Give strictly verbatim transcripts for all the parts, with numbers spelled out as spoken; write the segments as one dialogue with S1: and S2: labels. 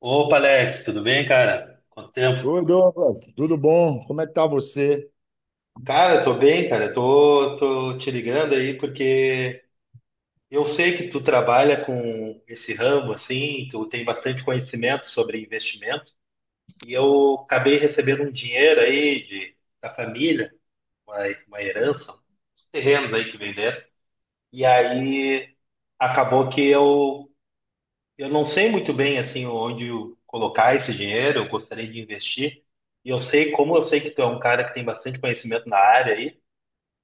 S1: Opa, Alex, tudo bem, cara? Quanto tempo?
S2: Oi, Douglas, tudo bom? Como é que tá você?
S1: Cara, tô bem, cara. Tô, tô te ligando aí porque eu sei que tu trabalha com esse ramo, assim, tu tem bastante conhecimento sobre investimento e eu acabei recebendo um dinheiro aí de, da família, uma, uma herança, uns terrenos aí que venderam. E aí acabou que eu Eu não sei muito bem assim onde eu colocar esse dinheiro, eu gostaria de investir. E eu sei, como eu sei que tu é um cara que tem bastante conhecimento na área aí,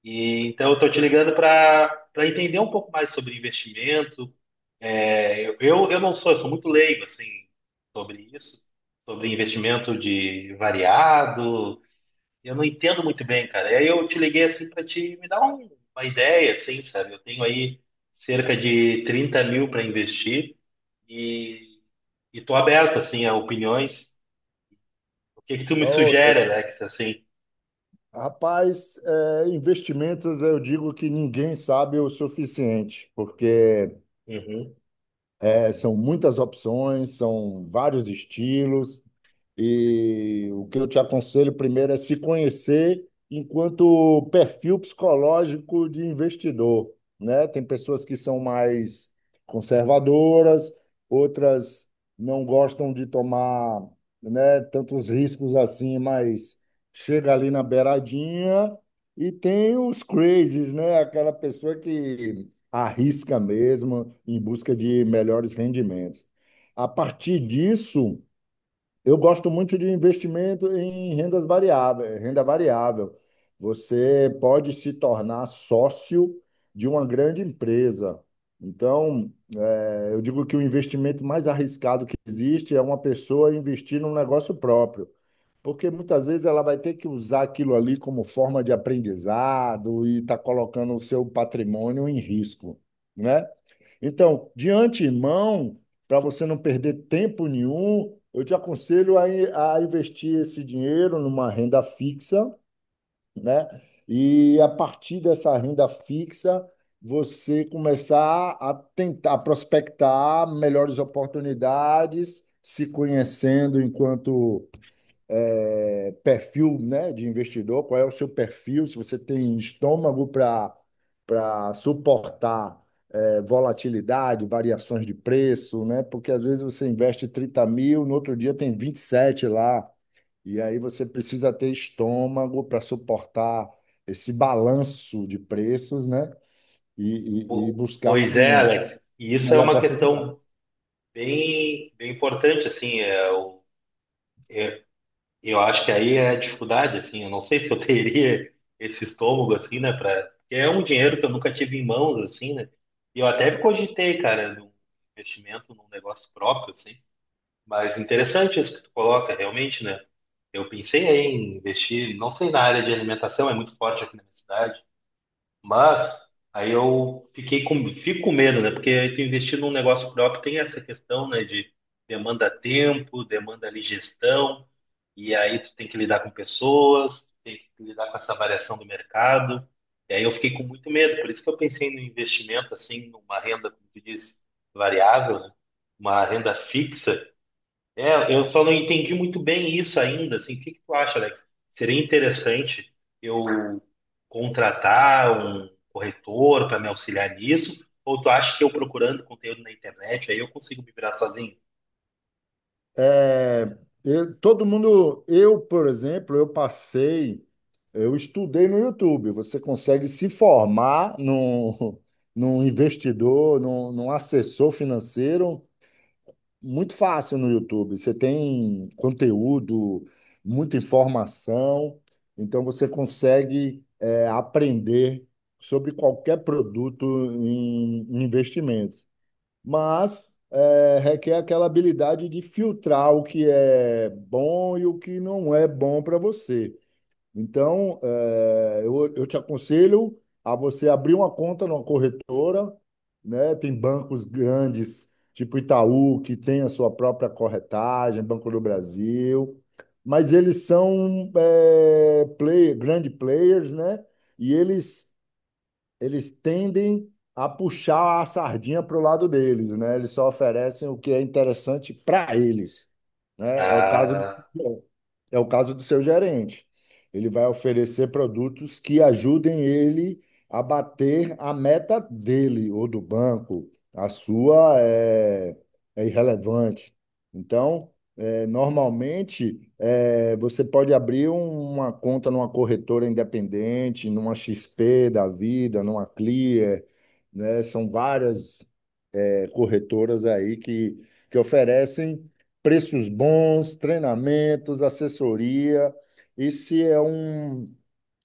S1: e então eu estou te ligando para para entender um pouco mais sobre investimento. É, eu, eu eu não sou, eu sou muito leigo assim sobre isso, sobre investimento de variado. Eu não entendo muito bem, cara. E aí eu te liguei assim para te me dar um- uma ideia, assim, sabe? Eu tenho aí cerca de trinta mil para investir. E, e tô aberto, assim, a opiniões. O que que tu me
S2: Ô,
S1: sugere, Alex, assim?
S2: rapaz, é, investimentos eu digo que ninguém sabe o suficiente, porque
S1: Uhum.
S2: É, são muitas opções, são vários estilos, e o que eu te aconselho primeiro é se conhecer enquanto perfil psicológico de investidor, né? Tem pessoas que são mais conservadoras, outras não gostam de tomar, né, tantos riscos assim, mas chega ali na beiradinha e tem os crazies, né? Aquela pessoa que arrisca mesmo em busca de melhores rendimentos. A partir disso, eu gosto muito de investimento em rendas variáveis, renda variável. Você pode se tornar sócio de uma grande empresa. Então, eh, eu digo que o investimento mais arriscado que existe é uma pessoa investir num negócio próprio. Porque muitas vezes ela vai ter que usar aquilo ali como forma de aprendizado e está colocando o seu patrimônio em risco, né? Então, de antemão, para você não perder tempo nenhum, eu te aconselho a, in- a investir esse dinheiro numa renda fixa, né? E a partir dessa renda fixa, você começar a tentar prospectar melhores oportunidades, se conhecendo enquanto é, perfil, né, de investidor, qual é o seu perfil, se você tem estômago para para suportar é, volatilidade, variações de preço, né? Porque às vezes você investe trinta mil, no outro dia tem vinte e sete lá, e aí você precisa ter estômago para suportar esse balanço de preços, né? E, e, e
S1: Po-
S2: buscar
S1: Pois é,
S2: um
S1: Alex. E isso é
S2: melhor
S1: uma
S2: oportunidade.
S1: questão bem, bem importante, assim. é, Eu, eu acho que aí é a dificuldade, assim. Eu não sei se eu teria esse estômago, assim, né? Para é um dinheiro que eu nunca tive em mãos, assim, né? E eu até cogitei, cara, num investimento num negócio próprio, assim. Mas interessante isso que tu coloca, realmente, né? Eu pensei aí em investir, não sei, na área de alimentação, é muito forte aqui na minha cidade, mas aí eu fiquei com, fico com medo, né? Porque aí tu investir num negócio próprio tem essa questão, né? De demanda tempo, demanda ali gestão, e aí tu tem que lidar com pessoas, tem que lidar com essa variação do mercado. E aí eu fiquei com muito medo, por isso que eu pensei no investimento, assim, numa renda, como tu disse, variável, né? Uma renda fixa é, eu só não entendi muito bem isso ainda, assim. O que que tu acha, Alex? Seria interessante eu contratar um corretor para me auxiliar nisso? Ou tu acha que eu procurando conteúdo na internet, aí eu consigo me virar sozinho?
S2: É, eu- todo mundo, eu, por exemplo, eu passei, eu estudei no YouTube. Você consegue se formar num, num investidor, num, num assessor financeiro muito fácil no YouTube. Você tem conteúdo, muita informação, então você consegue, é, aprender sobre qualquer produto em em investimentos, mas é, requer aquela habilidade de filtrar o que é bom e o que não é bom para você. Então, é, eu, eu te aconselho a você abrir uma conta numa corretora, né? Tem bancos grandes, tipo Itaú, que tem a sua própria corretagem, Banco do Brasil, mas eles são é, player- grande players, né? E eles eles tendem a puxar a sardinha para o lado deles, né? Eles só oferecem o que é interessante para eles, né? É o caso
S1: Ah,
S2: do, é o caso do seu gerente. Ele vai oferecer produtos que ajudem ele a bater a meta dele ou do banco. A sua é, é irrelevante. Então, é, Normalmente, eh, você pode abrir um- uma conta numa corretora independente, numa X P da vida, numa Clear, né? São várias, eh, corretoras aí que, que oferecem preços bons, treinamentos, assessoria. Esse é um,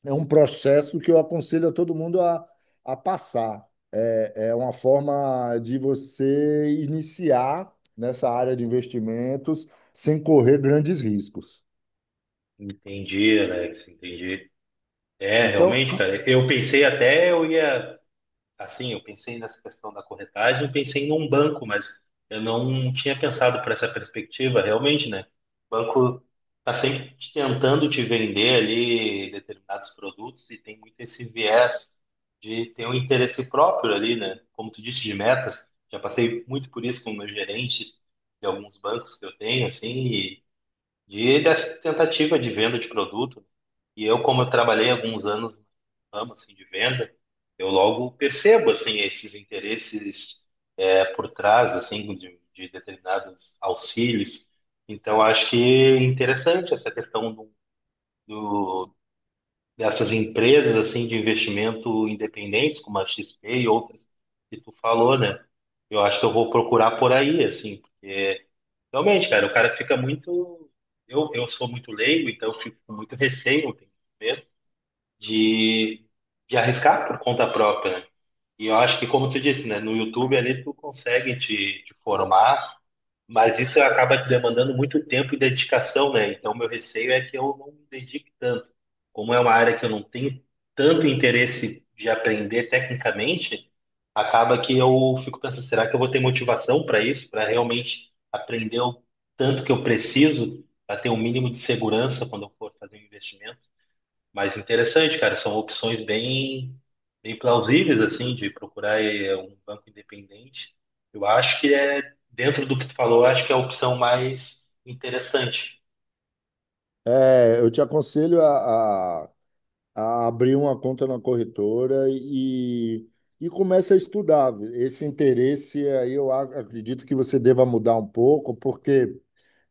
S2: é um processo que eu aconselho a todo mundo a, a passar. É é uma forma de você iniciar nessa área de investimentos sem correr grandes riscos.
S1: entendi, Alex, entendi. É,
S2: Então,
S1: realmente, cara, eu pensei até eu ia assim, eu pensei nessa questão da corretagem, eu pensei num banco, mas eu não tinha pensado por essa perspectiva, realmente, né? O banco está sempre te tentando te vender ali determinados produtos e tem muito esse viés de ter um interesse próprio ali, né? Como tu disse, de metas. Já passei muito por isso com meus gerentes de alguns bancos que eu tenho, assim, e de dessa tentativa de venda de produto. E eu, como eu trabalhei alguns anos no ramo assim, de venda, eu logo percebo assim esses interesses é, por trás assim de, de determinados auxílios. Então, acho que é interessante essa questão do, do- dessas empresas assim de investimento independentes, como a X P e outras que tu falou, né? Eu acho que eu vou procurar por aí, assim. Realmente, cara, o cara fica muito. Eu, eu sou muito leigo, então eu fico com muito receio, eu tenho medo de, de arriscar por conta própria, né? E eu acho que, como tu disse, né, no YouTube ali tu consegue te, te formar, mas isso acaba demandando muito tempo e dedicação, né? Então, meu receio é que eu não me dedique tanto. Como é uma área que eu não tenho tanto interesse de aprender tecnicamente, acaba que eu fico pensando, será que eu vou ter motivação para isso, para realmente aprender o tanto que eu preciso, para ter um mínimo de segurança quando eu for fazer um investimento? Mas interessante, cara, são opções bem, bem plausíveis, assim, de procurar eh, um banco independente. Eu acho que é, dentro do que tu falou, eu acho que é a opção mais interessante.
S2: é, eu te aconselho a, a- a abrir uma conta na corretora e, e comece a estudar. Esse interesse aí eu a- acredito que você deva mudar um pouco, porque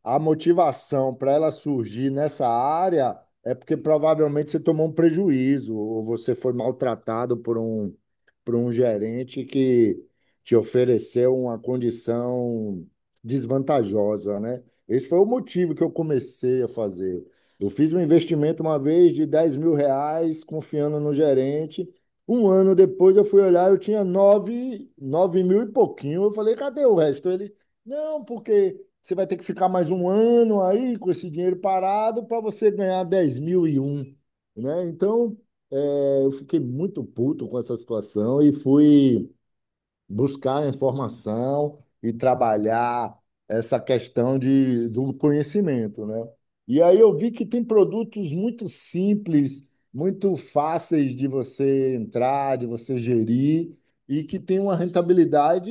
S2: a motivação para ela surgir nessa área é porque provavelmente você tomou um prejuízo ou você foi maltratado por um, por um gerente que te ofereceu uma condição desvantajosa, né? Esse foi o motivo que eu comecei a fazer. Eu fiz um investimento uma vez de dez mil reais, confiando no gerente. Um ano depois eu fui olhar, eu tinha nove, nove mil e pouquinho. Eu falei, cadê o resto? Ele, não, porque você vai ter que ficar mais um ano aí com esse dinheiro parado para você ganhar dez mil e um, né? Então, é, eu fiquei muito puto com essa situação e fui buscar informação e trabalhar essa questão de, do conhecimento, né? E aí eu vi que tem produtos muito simples, muito fáceis de você entrar, de você gerir e que tem uma rentabilidade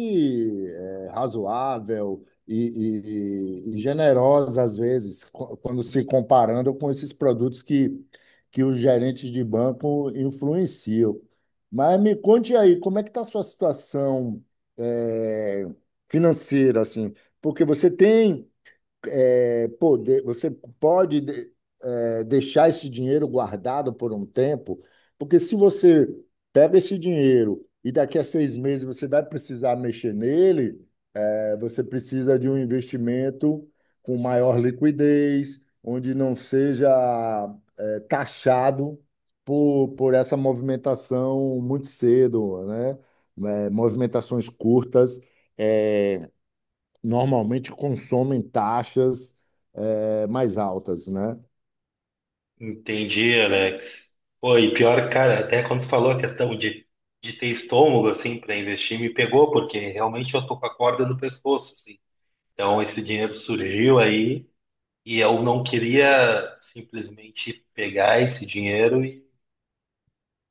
S2: eh, razoável e, e- e generosa às vezes, co- quando se comparando com esses produtos que que os gerentes de banco influenciam. Mas me conte aí, como é que está a sua situação eh, financeira, assim? Porque você tem eh, poder, você pode de- eh, deixar esse dinheiro guardado por um tempo, porque se você pega esse dinheiro e daqui a seis meses você vai precisar mexer nele, é, você precisa de um investimento com maior liquidez, onde não seja eh, taxado por, por essa movimentação muito cedo, né? Né, movimentações curtas eh, normalmente consomem taxas eh, mais altas, né?
S1: Entendi, Alex. Pô, e pior, cara, até quando tu falou a questão de, de ter estômago, assim, para investir, me pegou, porque realmente eu tô com a corda no pescoço, assim. Então, esse dinheiro surgiu aí e eu não queria simplesmente pegar esse dinheiro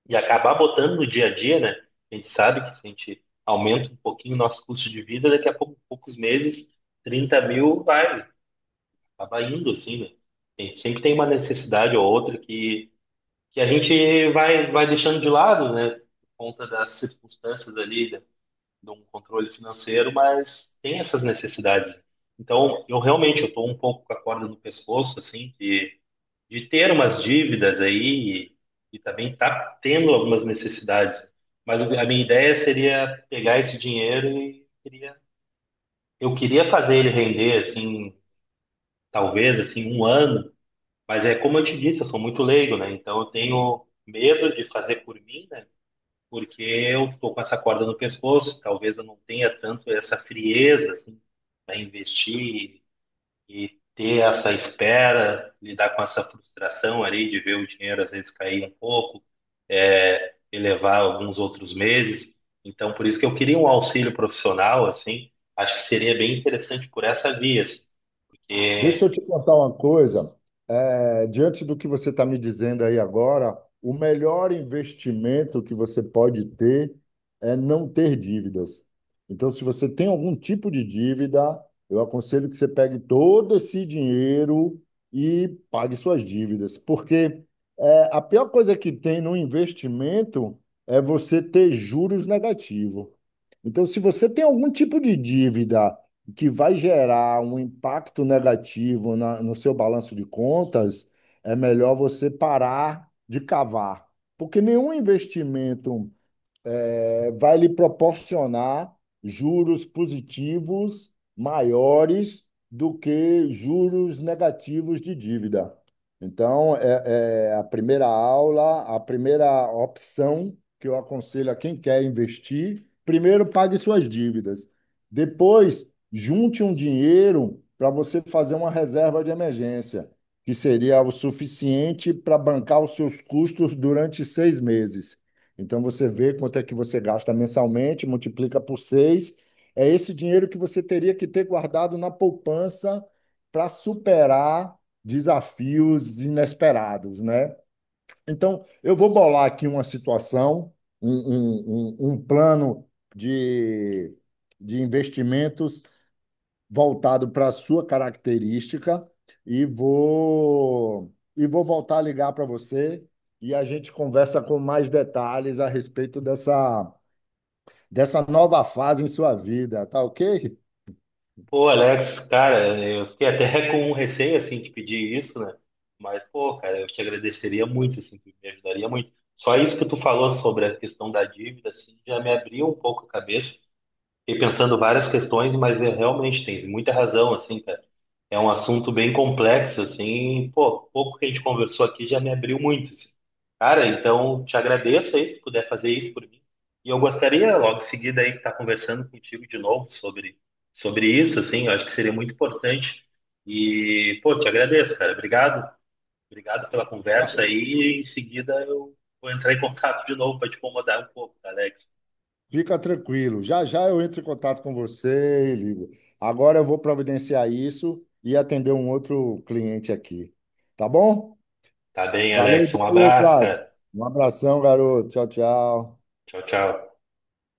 S1: e acabar botando no dia a dia, né? A gente sabe que se a gente aumenta um pouquinho o nosso custo de vida, daqui a pouco, poucos meses, trinta mil vai, acaba indo, assim, né? A gente sempre tem uma necessidade ou outra que, que a gente vai, vai deixando de lado, né? Por conta das circunstâncias ali, né, de um controle financeiro, mas tem essas necessidades. Então, eu realmente, eu estou um pouco com a corda no pescoço, assim, que de ter umas dívidas aí e, e também tá tendo algumas necessidades. Mas o- a minha ideia seria pegar esse dinheiro e queria, eu queria fazer ele render assim, talvez assim um ano. Mas é como eu te disse, eu sou muito leigo, né? Então eu tenho medo de fazer por mim, né? Porque eu tô com essa corda no pescoço. Talvez eu não tenha tanto essa frieza assim para investir e ter essa espera, lidar com essa frustração ali de ver o dinheiro às vezes cair um pouco, é, elevar alguns outros meses. Então, por isso que eu queria um auxílio profissional, assim, acho que seria bem interessante por essa via, assim,
S2: Deixa
S1: porque,
S2: eu te contar uma coisa. É, diante do que você está me dizendo aí agora, o melhor investimento que você pode ter é não ter dívidas. Então, se você tem algum tipo de dívida, eu aconselho que você pegue todo esse dinheiro e pague suas dívidas, porque é, a pior coisa que tem no investimento é você ter juros negativos. Então, se você tem algum tipo de dívida que vai gerar um impacto negativo na- no seu balanço de contas, é melhor você parar de cavar. Porque nenhum investimento é, vai lhe proporcionar juros positivos maiores do que juros negativos de dívida. Então, é, é a primeira aula, a primeira opção que eu aconselho a quem quer investir, primeiro pague suas dívidas. Depois, junte um dinheiro para você fazer uma reserva de emergência, que seria o suficiente para bancar os seus custos durante seis meses. Então você vê quanto é que você gasta mensalmente, multiplica por seis. É esse dinheiro que você teria que ter guardado na poupança para superar desafios inesperados, né? Então, eu vou bolar aqui uma situação, um, um, um, um plano de, de investimentos voltado para a sua característica e vou e vou voltar a ligar para você e a gente conversa com mais detalhes a respeito dessa dessa nova fase em sua vida, tá ok?
S1: pô, Alex, cara, eu fiquei até com um receio, assim, de pedir isso, né? Mas, pô, cara, eu te agradeceria muito, assim, tu me ajudaria muito. Só isso que tu falou sobre a questão da dívida, assim, já me abriu um pouco a cabeça. Fiquei pensando várias questões, mas é, realmente tem muita razão, assim, cara. É um assunto bem complexo, assim, pô, pouco que a gente conversou aqui já me abriu muito, assim. Cara, então te agradeço aí se puder fazer isso por mim. E eu gostaria logo em seguida aí estar conversando contigo de novo sobre sobre isso, assim, eu acho que seria muito importante. E, pô, te agradeço, cara. Obrigado. Obrigado pela conversa aí. E em seguida eu vou entrar em contato de novo para te incomodar um pouco, tá, Alex.
S2: Fica tranquilo. Já já eu entro em contato com você e ligo. Agora eu vou providenciar isso e atender um outro cliente aqui. Tá bom?
S1: Tá bem,
S2: Valeu,
S1: Alex. Um abraço,
S2: Douglas.
S1: cara.
S2: Um abração, garoto. Tchau, tchau.
S1: Tchau, tchau.